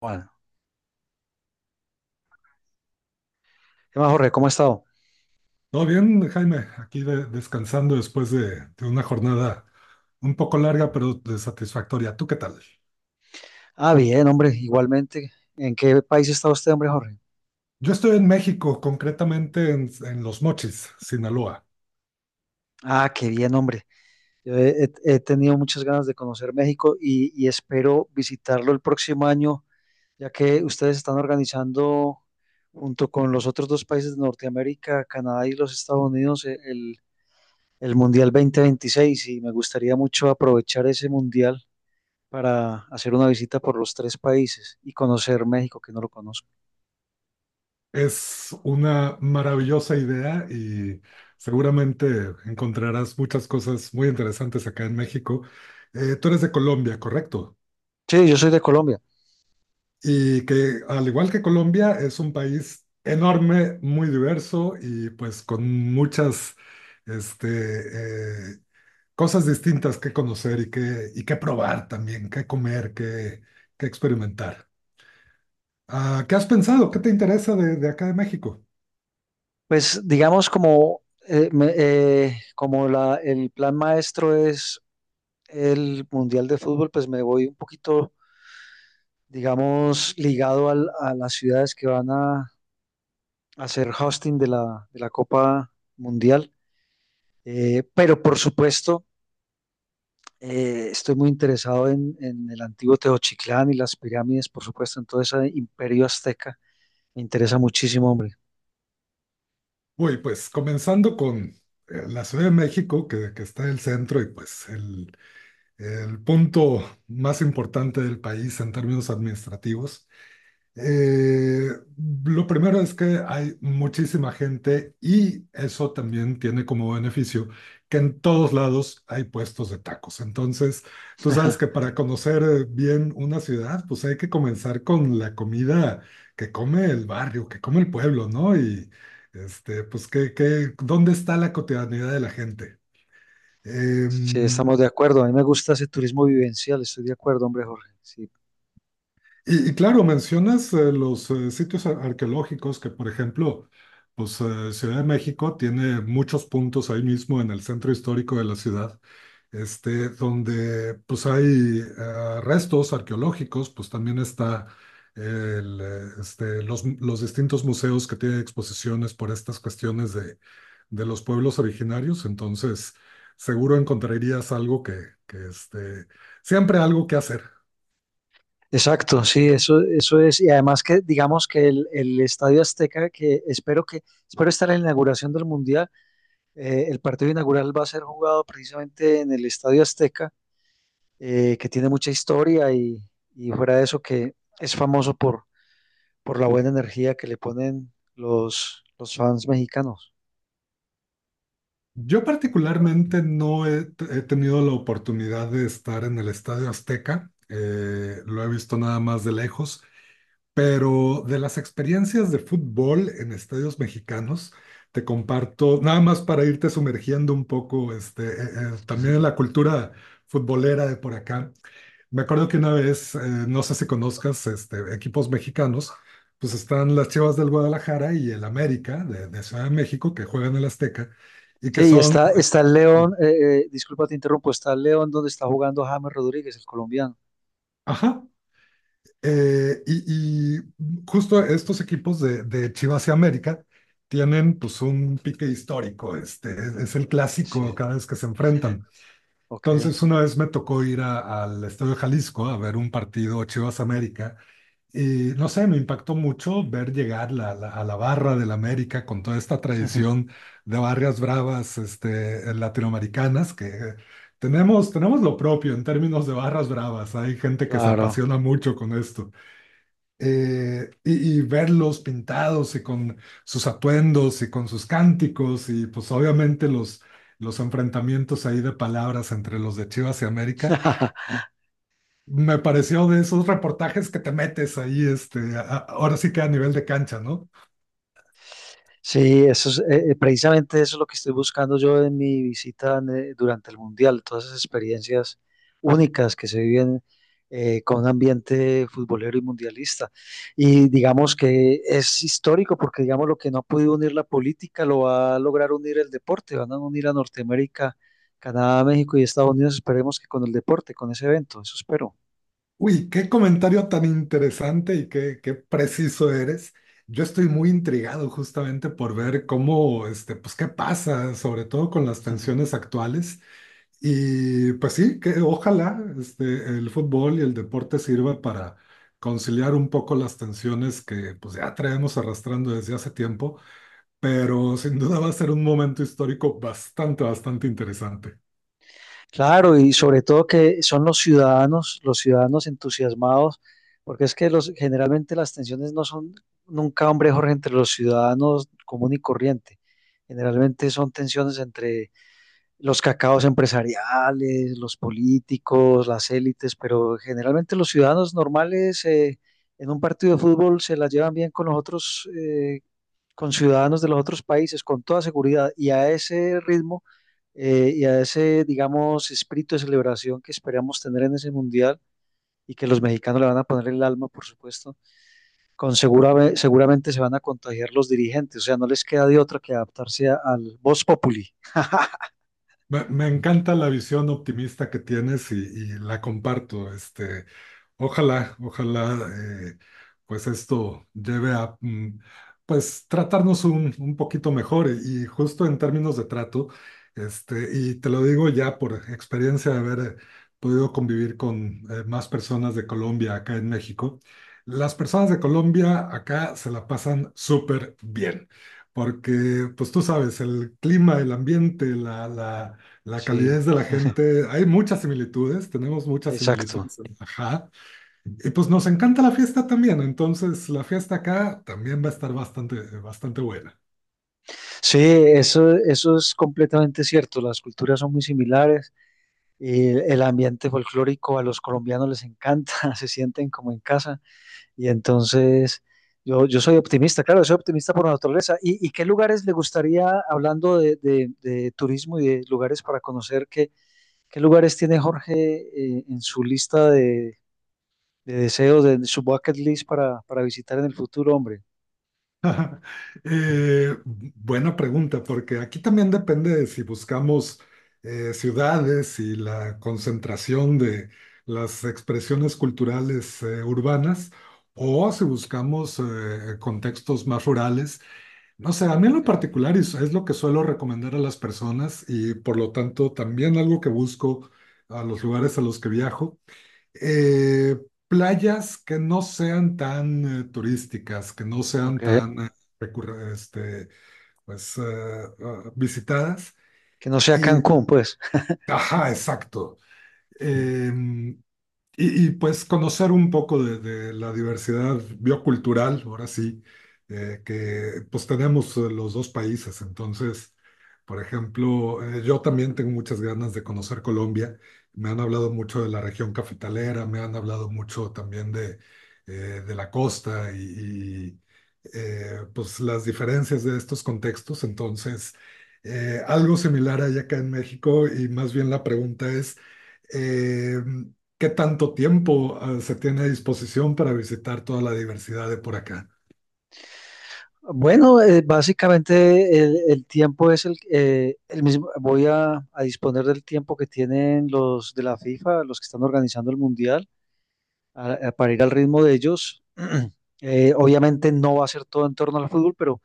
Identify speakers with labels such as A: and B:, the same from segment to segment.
A: Bueno, ¿qué más, Jorge? ¿Cómo ha estado?
B: Todo bien, Jaime, aquí descansando después de una jornada un poco larga, pero de satisfactoria. ¿Tú qué tal?
A: Ah, bien, hombre, igualmente. ¿En qué país está usted, hombre, Jorge?
B: Yo estoy en México, concretamente en Los Mochis, Sinaloa.
A: Ah, qué bien, hombre. Yo he tenido muchas ganas de conocer México y espero visitarlo el próximo año, ya que ustedes están organizando, junto con los otros dos países de Norteamérica, Canadá y los Estados Unidos, el Mundial 2026 y me gustaría mucho aprovechar ese Mundial para hacer una visita por los tres países y conocer México, que no lo conozco.
B: Es una maravillosa idea y seguramente encontrarás muchas cosas muy interesantes acá en México. Tú eres de Colombia, ¿correcto?
A: Sí, yo soy de Colombia.
B: Y que al igual que Colombia es un país enorme, muy diverso y pues con muchas este, eh, cosas distintas que conocer y que probar también, que comer, que experimentar. Ah, ¿qué has pensado? ¿Qué te interesa de acá de México?
A: Pues digamos como, como el plan maestro es el Mundial de Fútbol, pues me voy un poquito, digamos, ligado a las ciudades que van a hacer hosting de la Copa Mundial. Pero por supuesto, estoy muy interesado en el antiguo Teotihuacán y las pirámides, por supuesto, en todo ese imperio azteca. Me interesa muchísimo, hombre.
B: Uy, pues comenzando con la Ciudad de México, que está en el centro y pues el punto más importante del país en términos administrativos. Eh, lo primero es que hay muchísima gente y eso también tiene como beneficio que en todos lados hay puestos de tacos. Entonces, tú sabes que para conocer bien una ciudad, pues hay que comenzar con la comida que come el barrio, que come el pueblo, ¿no? Y pues, ¿qué, dónde está la cotidianidad de la gente? Eh,
A: Sí, estamos de acuerdo. A mí me gusta ese turismo vivencial, estoy de acuerdo, hombre, Jorge. Sí,
B: Y claro, mencionas los sitios arqueológicos que, por ejemplo, pues Ciudad de México tiene muchos puntos ahí mismo en el centro histórico de la ciudad, donde pues hay restos arqueológicos, pues también está los distintos museos que tienen exposiciones por estas cuestiones de los pueblos originarios, entonces seguro encontrarías algo que, que este, siempre algo que hacer.
A: exacto, sí, eso es. Y además que digamos que el Estadio Azteca, espero estar en la inauguración del Mundial, el partido inaugural va a ser jugado precisamente en el Estadio Azteca, que tiene mucha historia y fuera de eso que es famoso por la buena energía que le ponen los fans mexicanos.
B: Yo particularmente no he, he tenido la oportunidad de estar en el Estadio Azteca, lo he visto nada más de lejos, pero de las experiencias de fútbol en estadios mexicanos, te comparto, nada más para irte sumergiendo un poco, también en la cultura futbolera de por acá. Me acuerdo que una vez, no sé si conozcas equipos mexicanos, pues están las Chivas del Guadalajara y el América de Ciudad de México que juegan en el Azteca y que
A: Sí, y
B: son
A: está, está el León, disculpa te interrumpo, está el León donde está jugando James Rodríguez, el colombiano.
B: Ajá. Eh, y, y justo estos equipos de Chivas y América tienen pues un pique histórico, es el clásico
A: Sí,
B: cada vez que se enfrentan.
A: ok,
B: Entonces una vez me tocó ir al Estadio Jalisco a ver un partido Chivas América. Y no sé, me impactó mucho ver llegar a la barra del América con toda esta tradición de barrias bravas latinoamericanas, que tenemos lo propio en términos de barras bravas. Hay gente que se
A: claro.
B: apasiona mucho con esto. Verlos pintados y con sus atuendos y con sus cánticos y pues obviamente los enfrentamientos ahí de palabras entre los de Chivas y América. Me pareció de esos reportajes que te metes ahí, ahora sí que a nivel de cancha, ¿no?
A: Sí, eso es, precisamente eso es lo que estoy buscando yo en mi visita durante el Mundial, todas esas experiencias únicas que se viven con un ambiente futbolero y mundialista. Y digamos que es histórico porque digamos lo que no ha podido unir la política lo va a lograr unir el deporte, van a unir a Norteamérica, Canadá, México y Estados Unidos, esperemos que con el deporte, con ese evento, eso espero.
B: Uy, qué comentario tan interesante y qué, qué preciso eres. Yo estoy muy intrigado justamente por ver cómo, pues qué pasa, sobre todo con las tensiones actuales. Y pues sí, que ojalá, el fútbol y el deporte sirva para conciliar un poco las tensiones que pues ya traemos arrastrando desde hace tiempo, pero sin duda va a ser un momento histórico bastante, bastante interesante.
A: Claro, y sobre todo que son los ciudadanos entusiasmados, porque es que los, generalmente las tensiones no son nunca, hombre, Jorge, entre los ciudadanos común y corriente. Generalmente son tensiones entre los cacaos empresariales, los políticos, las élites, pero generalmente los ciudadanos normales en un partido de fútbol se la llevan bien con los otros con ciudadanos de los otros países, con toda seguridad, y a ese ritmo y a ese, digamos, espíritu de celebración que esperamos tener en ese mundial y que los mexicanos le van a poner el alma, por supuesto, con seguramente se van a contagiar los dirigentes, o sea, no les queda de otra que adaptarse al vox populi.
B: Me encanta la visión optimista que tienes y la comparto. Ojalá, ojalá, eh, pues esto lleve a, pues tratarnos un poquito mejor y justo en términos de trato, y te lo digo ya por experiencia de haber podido convivir con más personas de Colombia acá en México, las personas de Colombia acá se la pasan súper bien, porque pues tú sabes, el clima, el ambiente, la
A: Sí,
B: calidez de la gente, hay muchas similitudes, tenemos muchas
A: exacto.
B: similitudes, ajá. Y pues nos encanta la fiesta también, entonces la fiesta acá también va a estar bastante, bastante buena.
A: Sí, eso es completamente cierto, las culturas son muy similares. Eh, el ambiente folclórico a los colombianos les encanta, se sienten como en casa. Y entonces, yo soy optimista, claro, soy optimista por naturaleza. Y qué lugares le gustaría, hablando de, de turismo y de lugares para conocer, qué, qué lugares tiene Jorge en su lista de deseos, de su bucket list para visitar en el futuro, hombre?
B: Buena pregunta, porque aquí también depende de si buscamos ciudades y la concentración de las expresiones culturales urbanas o si buscamos contextos más rurales. No sé, a mí en
A: Ok,
B: lo particular es lo que suelo recomendar a las personas y por lo tanto también algo que busco a los lugares a los que viajo, eh, playas que no sean tan turísticas, que no
A: ok.
B: sean tan recurre- este, pues, eh, visitadas.
A: Que no sea
B: Y,
A: Cancún, pues.
B: ajá, exacto. Mm. Em, y, y, pues conocer un poco de la diversidad biocultural, ahora sí, que pues tenemos los dos países. Entonces, por ejemplo, yo también tengo muchas ganas de conocer Colombia. Me han hablado mucho de la región cafetalera, me han hablado mucho también de la costa y, pues las diferencias de estos contextos. Entonces, algo similar hay acá en México y más bien la pregunta es... eh, ¿Qué tanto tiempo se tiene a disposición para visitar toda la diversidad de por acá?
A: Bueno, básicamente el tiempo es el mismo. Voy a disponer del tiempo que tienen los de la FIFA, los que están organizando el mundial. Para ir al ritmo de ellos. Obviamente no va a ser todo en torno al fútbol, pero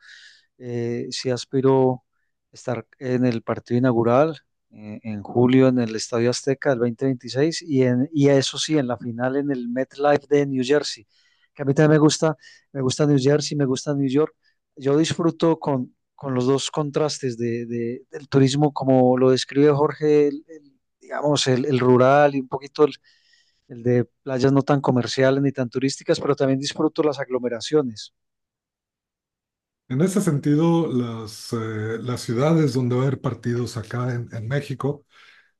A: sí aspiro estar en el partido inaugural en julio en el Estadio Azteca del 2026 y eso sí, en la final en el MetLife de New Jersey, que a mí también me gusta New Jersey, me gusta New York. Yo disfruto con los dos contrastes de, del turismo, como lo describe Jorge, el, digamos, el rural y un poquito el de playas no tan comerciales ni tan turísticas, pero también disfruto las aglomeraciones.
B: En ese sentido, las ciudades donde va a haber partidos acá en México,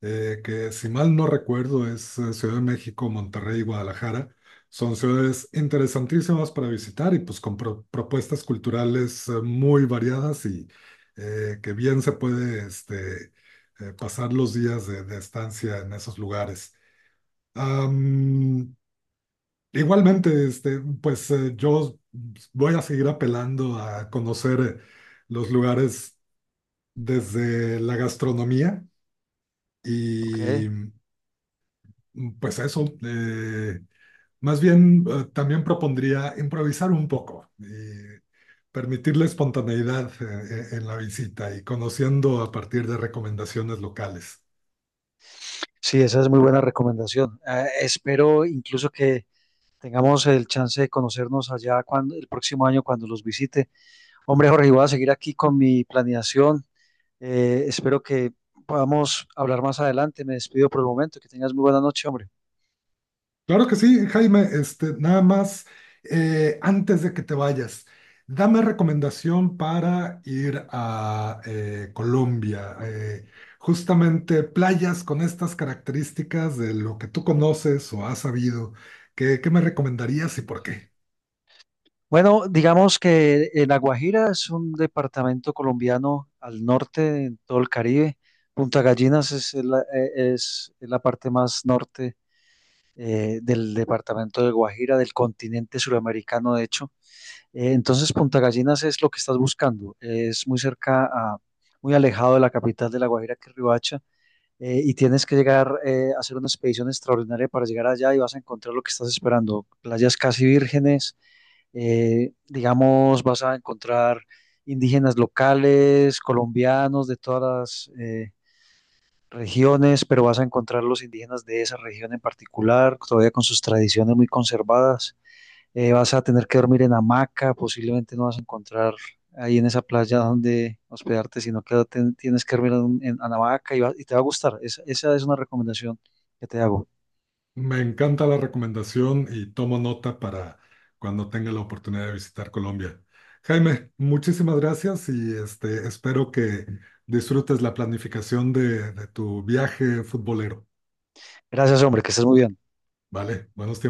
B: que si mal no recuerdo es Ciudad de México, Monterrey y Guadalajara, son ciudades interesantísimas para visitar y pues con propuestas culturales muy variadas y que bien se puede pasar los días de estancia en esos lugares. Am, Igualmente, pues yo voy a seguir apelando a conocer los lugares desde la gastronomía
A: Ok.
B: y pues eso, más bien también propondría improvisar un poco y permitir la espontaneidad en la visita y conociendo a partir de recomendaciones locales.
A: Sí, esa es muy buena recomendación. Ah, espero incluso que tengamos el chance de conocernos allá cuando, el próximo año cuando los visite. Hombre, Jorge, voy a seguir aquí con mi planeación. Espero que podamos hablar más adelante. Me despido por el momento. Que tengas muy buena noche, hombre.
B: Claro que sí, Jaime. Nada más, antes de que te vayas, dame recomendación para ir a Colombia. Justamente playas con estas características de lo que tú conoces o has sabido. ¿Qué, qué me recomendarías y por qué?
A: Bueno, digamos que La Guajira es un departamento colombiano al norte, en todo el Caribe. Punta Gallinas es es la parte más norte del departamento de Guajira, del continente suramericano, de hecho. Entonces, Punta Gallinas es lo que estás buscando. Es muy cerca a, muy alejado de la capital de La Guajira, que es Riohacha, y tienes que llegar a hacer una expedición extraordinaria para llegar allá y vas a encontrar lo que estás esperando. Playas casi vírgenes digamos, vas a encontrar indígenas locales, colombianos de todas las regiones, pero vas a encontrar los indígenas de esa región en particular, todavía con sus tradiciones muy conservadas. Vas a tener que dormir en hamaca, posiblemente no vas a encontrar ahí en esa playa donde hospedarte, sino que tienes que dormir en, en hamaca y, y te va a gustar. Esa es una recomendación que te hago.
B: Me encanta la recomendación y tomo nota para cuando tenga la oportunidad de visitar Colombia. Jaime, muchísimas gracias y espero que disfrutes la planificación de tu viaje futbolero.
A: Gracias, hombre, que estés muy bien.
B: Vale, buenos